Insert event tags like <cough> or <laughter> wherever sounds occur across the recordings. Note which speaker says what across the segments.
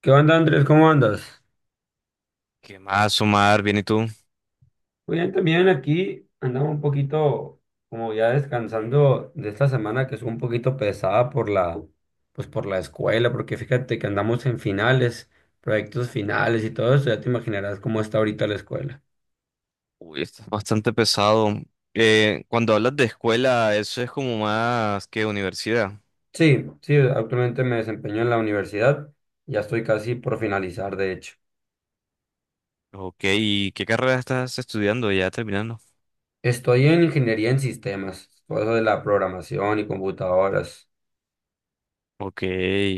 Speaker 1: ¿Qué onda, Andrés? ¿Cómo andas?
Speaker 2: ¿Qué más, Omar? Bien, ¿y tú?
Speaker 1: Muy bien, también aquí andaba un poquito como ya descansando de esta semana que es un poquito pesada pues por la escuela, porque fíjate que andamos en finales, proyectos finales y todo eso, ya te imaginarás cómo está ahorita la escuela.
Speaker 2: Uy, estás bastante pesado. Cuando hablas de escuela, eso es como más que universidad.
Speaker 1: Sí, sí, actualmente me desempeño en la universidad, ya estoy casi por finalizar, de hecho.
Speaker 2: Ok, ¿y qué carrera estás estudiando? Ya terminando.
Speaker 1: Estoy en ingeniería en sistemas, todo eso de la programación y computadoras.
Speaker 2: Ok,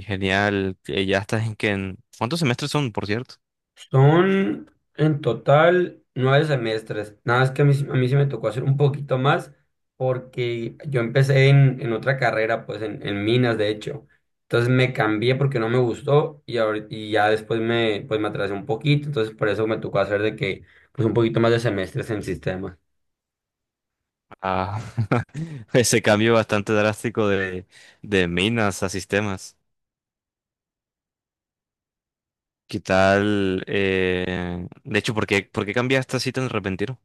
Speaker 2: genial. ¿Ya estás en qué? ¿Cuántos semestres son, por cierto?
Speaker 1: Son en total nueve semestres. Nada más que a mí, a mí sí me tocó hacer un poquito más porque yo empecé en otra carrera, pues en minas, de hecho. Entonces me cambié porque no me gustó y ya después pues me atrasé un poquito. Entonces por eso me tocó hacer de que, pues un poquito más de semestres en sistemas.
Speaker 2: Ah, <laughs> ese cambio bastante drástico de minas a sistemas. ¿Qué tal? De hecho, ¿por qué cambiaste así tan repentino?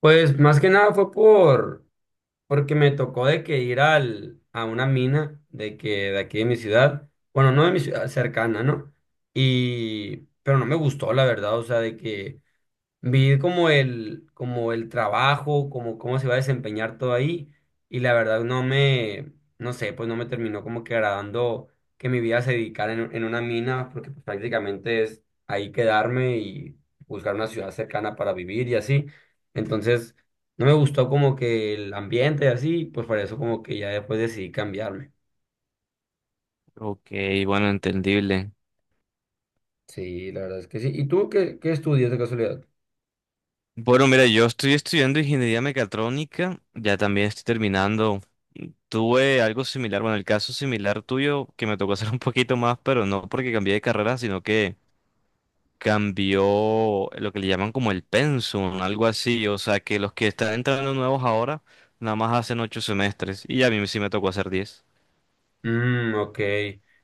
Speaker 1: Pues más que nada fue por... Porque me tocó de que ir a una mina de que de aquí de mi ciudad, bueno, no de mi ciudad cercana, ¿no? Y, pero no me gustó, la verdad, o sea, de que vi como el trabajo, como cómo se iba a desempeñar todo ahí, y la verdad no sé, pues no me terminó como que agradando que mi vida se dedicara en una mina, porque pues prácticamente es ahí quedarme y buscar una ciudad cercana para vivir y así. Entonces, no me gustó como que el ambiente y así, pues por eso como que ya después decidí cambiarme.
Speaker 2: Ok, bueno, entendible.
Speaker 1: Sí, la verdad es que sí. ¿Y tú qué, qué estudias de casualidad?
Speaker 2: Bueno, mira, yo estoy estudiando ingeniería mecatrónica, ya también estoy terminando. Tuve algo similar, bueno, el caso similar tuyo, que me tocó <laughs> hacer un poquito más, pero no porque cambié de carrera, sino que cambió lo que le llaman como el pensum, algo así. O sea, que los que están entrando nuevos ahora, nada más hacen 8 semestres, y a mí sí me tocó hacer 10.
Speaker 1: Mm, ok.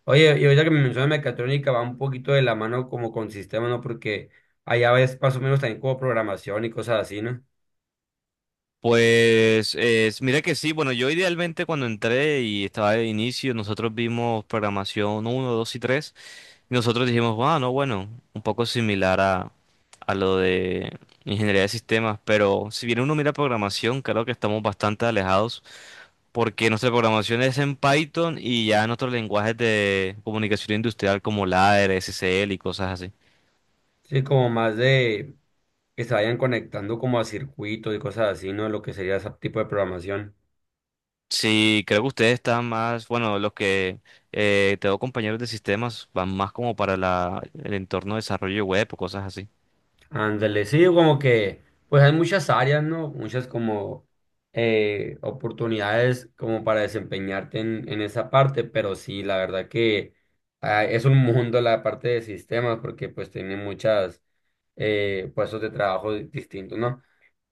Speaker 1: Oye, y ahorita que me mencionas mecatrónica va un poquito de la mano como con sistemas, ¿no? Porque allá ves más o menos también como programación y cosas así, ¿no?
Speaker 2: Pues mira que sí, bueno, yo idealmente cuando entré y estaba de inicio, nosotros vimos programación uno, 2 y 3. Y nosotros dijimos, ah, no, bueno, un poco similar a, lo de ingeniería de sistemas, pero si bien uno mira programación, creo que estamos bastante alejados porque nuestra programación es en Python y ya en otros lenguajes de comunicación industrial como LADER, SSL y cosas así.
Speaker 1: Sí, como más de que se vayan conectando como a circuitos y cosas así, ¿no? Lo que sería ese tipo de programación.
Speaker 2: Sí, creo que ustedes están más, bueno, los que tengo compañeros de sistemas van más como para la, el entorno de desarrollo web o cosas así.
Speaker 1: Ándale, sí, como que pues hay muchas áreas, ¿no? Muchas como oportunidades como para desempeñarte en esa parte, pero sí, la verdad que es un mundo la parte de sistemas porque pues tiene muchas puestos de trabajo distintos, ¿no?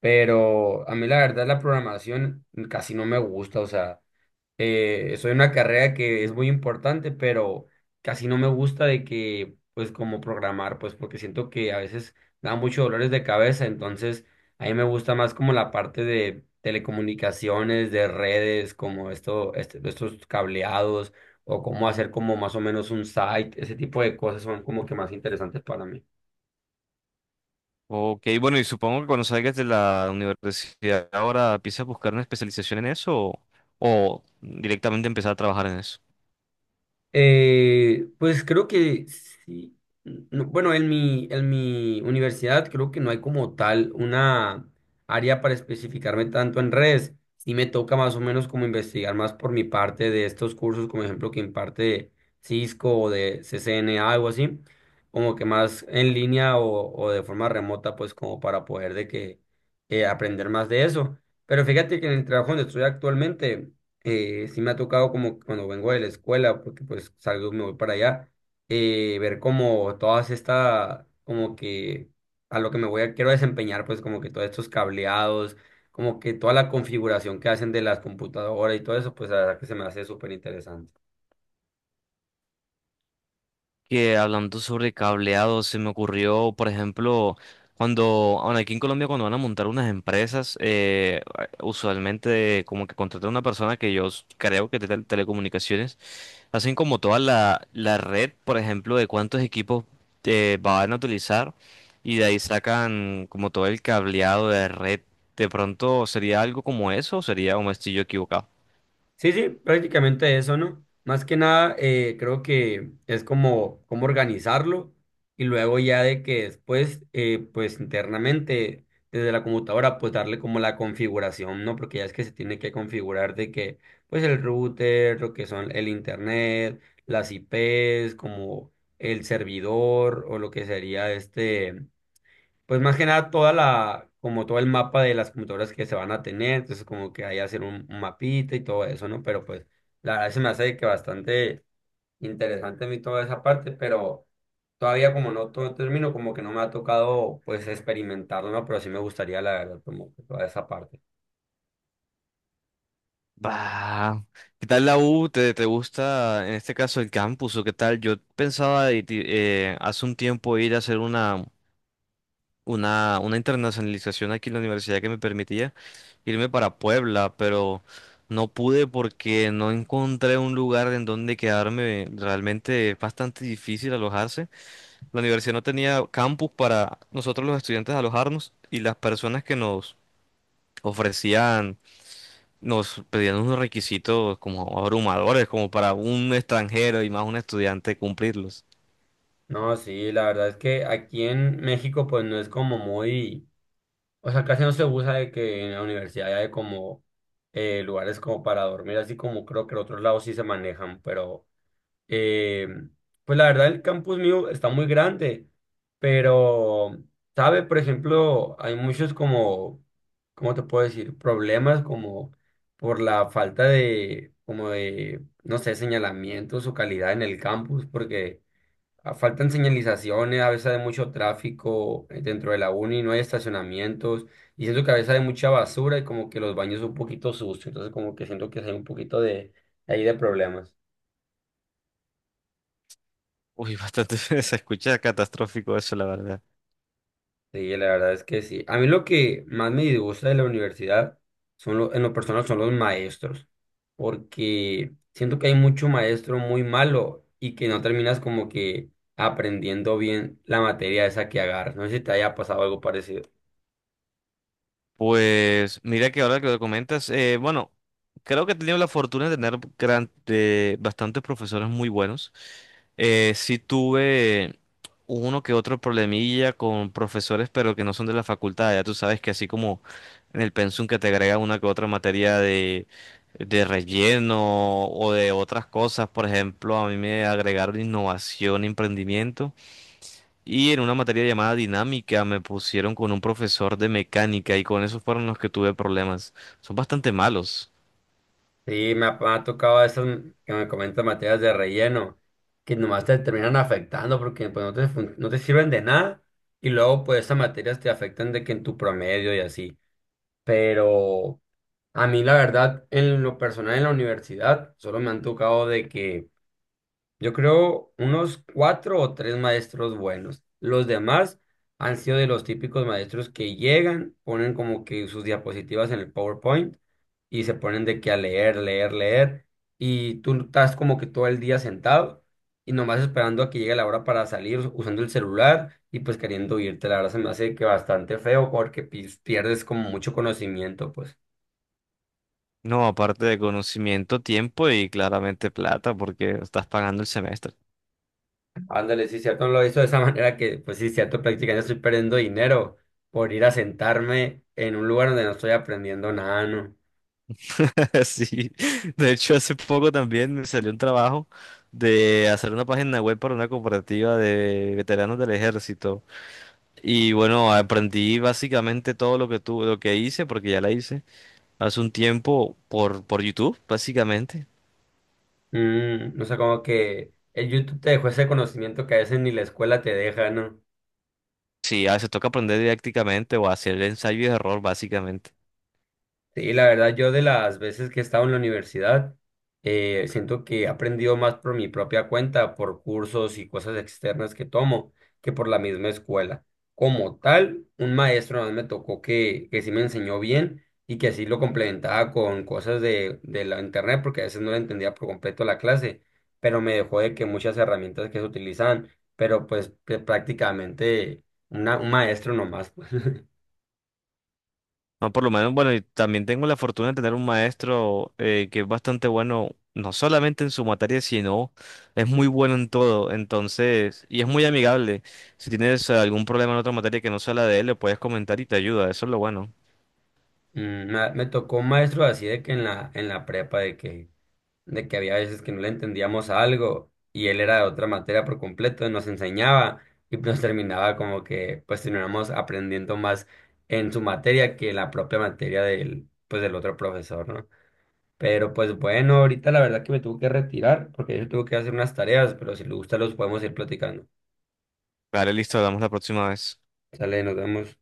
Speaker 1: Pero a mí la verdad la programación casi no me gusta, o sea, soy una carrera que es muy importante, pero casi no me gusta de que, pues, como programar, pues, porque siento que a veces da muchos dolores de cabeza, entonces a mí me gusta más como la parte de telecomunicaciones, de redes, como esto, estos cableados, o cómo hacer como más o menos un site, ese tipo de cosas son como que más interesantes para mí.
Speaker 2: Ok, bueno, y supongo que cuando salgas de la universidad ahora empiezas a buscar una especialización en eso o directamente empezar a trabajar en eso.
Speaker 1: Pues creo que sí. No, bueno, en mi universidad creo que no hay como tal una área para especificarme tanto en redes. Sí me toca más o menos como investigar más por mi parte de estos cursos, como ejemplo que imparte Cisco o de CCNA, algo así, como que más en línea o de forma remota, pues como para poder de que aprender más de eso. Pero fíjate que en el trabajo donde estoy actualmente sí me ha tocado como que cuando vengo de la escuela, porque pues salgo y me voy para allá, ver como todas estas, como que a lo que me voy a, quiero desempeñar, pues como que todos estos cableados, como que toda la configuración que hacen de las computadoras y todo eso, pues la verdad que se me hace súper interesante.
Speaker 2: Que hablando sobre cableado, se me ocurrió, por ejemplo, cuando, bueno, aquí en Colombia cuando van a montar unas empresas, usualmente como que contratan a una persona que yo creo que es de telecomunicaciones. Hacen como toda la red, por ejemplo, de cuántos equipos van a utilizar y de ahí sacan como todo el cableado de red. De pronto sería algo como eso, o sería un estoy yo equivocado.
Speaker 1: Sí, sí, prácticamente eso, ¿no? Más que nada, creo que es como, cómo organizarlo y luego ya de que después, pues internamente, desde la computadora, pues darle como la configuración, ¿no? Porque ya es que se tiene que configurar de que, pues el router, lo que son el internet, las IPs, como el servidor o lo que sería este. Pues más que nada toda la, como todo el mapa de las computadoras que se van a tener, entonces como que ahí hacer un mapita y todo eso, ¿no? Pero pues la verdad se me hace que bastante interesante a mí toda esa parte, pero todavía como no todo termino, como que no me ha tocado pues experimentarlo, ¿no? Pero sí me gustaría la verdad como que toda esa parte.
Speaker 2: Bah, ¿qué tal la U? ¿Te gusta en este caso el campus o qué tal? Yo pensaba de hace un tiempo ir a hacer una internacionalización aquí en la universidad que me permitía irme para Puebla, pero no pude porque no encontré un lugar en donde quedarme. Realmente es bastante difícil alojarse. La universidad no tenía campus para nosotros los estudiantes alojarnos y las personas que nos ofrecían, nos pedían unos requisitos como abrumadores, como para un extranjero y más un estudiante cumplirlos.
Speaker 1: No, sí, la verdad es que aquí en México pues no es como muy, o sea, casi no se usa de que en la universidad hay como lugares como para dormir, así como creo que en otros lados sí se manejan, pero... Eh, pues la verdad el campus mío está muy grande, pero, ¿sabe? Por ejemplo, hay muchos como, ¿cómo te puedo decir? Problemas como por la falta de, como de, no sé, señalamientos o calidad en el campus, porque faltan señalizaciones, a veces hay mucho tráfico dentro de la uni, no hay estacionamientos, y siento que a veces hay mucha basura y como que los baños son un poquito sucios, entonces como que siento que sí hay un poquito de, ahí de problemas.
Speaker 2: Uy, bastante, <laughs> se escucha catastrófico eso, la verdad.
Speaker 1: Sí, la verdad es que sí. A mí lo que más me disgusta de la universidad en lo personal son los maestros, porque siento que hay mucho maestro muy malo y que no terminas como que aprendiendo bien la materia esa que agarras. No sé si te haya pasado algo parecido.
Speaker 2: Pues mira que ahora que lo comentas, bueno, creo que he tenido la fortuna de tener de bastantes profesores muy buenos. Sí tuve uno que otro problemilla con profesores, pero que no son de la facultad. Ya tú sabes que así como en el pensum que te agrega una que otra materia de, relleno o de otras cosas, por ejemplo, a mí me agregaron innovación, emprendimiento. Y en una materia llamada dinámica me pusieron con un profesor de mecánica y con esos fueron los que tuve problemas. Son bastante malos.
Speaker 1: Sí, me ha tocado eso que me comentan materias de relleno, que nomás te terminan afectando porque pues, no te sirven de nada y luego pues esas materias te afectan de que en tu promedio y así. Pero... A mí, la verdad, en lo personal en la universidad, solo me han tocado de que yo creo unos cuatro o tres maestros buenos. Los demás han sido de los típicos maestros que llegan, ponen como que sus diapositivas en el PowerPoint y se ponen de que a leer, leer, leer. Y tú estás como que todo el día sentado y nomás esperando a que llegue la hora para salir usando el celular y pues queriendo irte. La verdad se me hace que bastante feo porque pierdes como mucho conocimiento, pues.
Speaker 2: No, aparte de conocimiento, tiempo y claramente plata, porque estás pagando el semestre.
Speaker 1: Ándale, sí, cierto, no lo hizo de esa <laughs> manera que, pues sí, cierto, prácticamente estoy perdiendo dinero por ir a sentarme en un lugar donde no estoy aprendiendo nada, ¿no?
Speaker 2: <laughs> Sí. De hecho, hace poco también me salió un trabajo de hacer una página web para una cooperativa de veteranos del ejército. Y bueno, aprendí básicamente todo lo que lo que hice, porque ya la hice hace un tiempo por, YouTube, básicamente.
Speaker 1: Mm, no sé, como que el YouTube te dejó ese conocimiento que a veces ni la escuela te deja, ¿no?
Speaker 2: Sí, a veces toca aprender didácticamente o hacer ensayo y error, básicamente.
Speaker 1: Sí, la verdad, yo de las veces que he estado en la universidad, siento que he aprendido más por mi propia cuenta, por cursos y cosas externas que tomo, que por la misma escuela. Como tal, un maestro nada más me tocó que sí me enseñó bien y que así lo complementaba con cosas de la internet, porque a veces no le entendía por completo la clase, pero me dejó de que muchas herramientas que se utilizaban, pero pues que prácticamente un maestro nomás. Pues. <laughs>
Speaker 2: No, por lo menos, bueno, y también tengo la fortuna de tener un maestro que es bastante bueno, no solamente en su materia, sino es muy bueno en todo. Entonces, y es muy amigable. Si tienes algún problema en otra materia que no sea la de él, le puedes comentar y te ayuda. Eso es lo bueno.
Speaker 1: Mm, me tocó un maestro así de que en la prepa de que había veces que no le entendíamos algo y él era de otra materia por completo y nos enseñaba y nos terminaba como que pues terminamos aprendiendo más en su materia que en la propia materia del, pues del otro profesor, ¿no? Pero pues bueno, ahorita la verdad que me tuve que retirar porque yo tuve que hacer unas tareas, pero si le gusta los podemos ir platicando.
Speaker 2: Vale, listo, hablamos la próxima vez.
Speaker 1: Sale, nos vemos.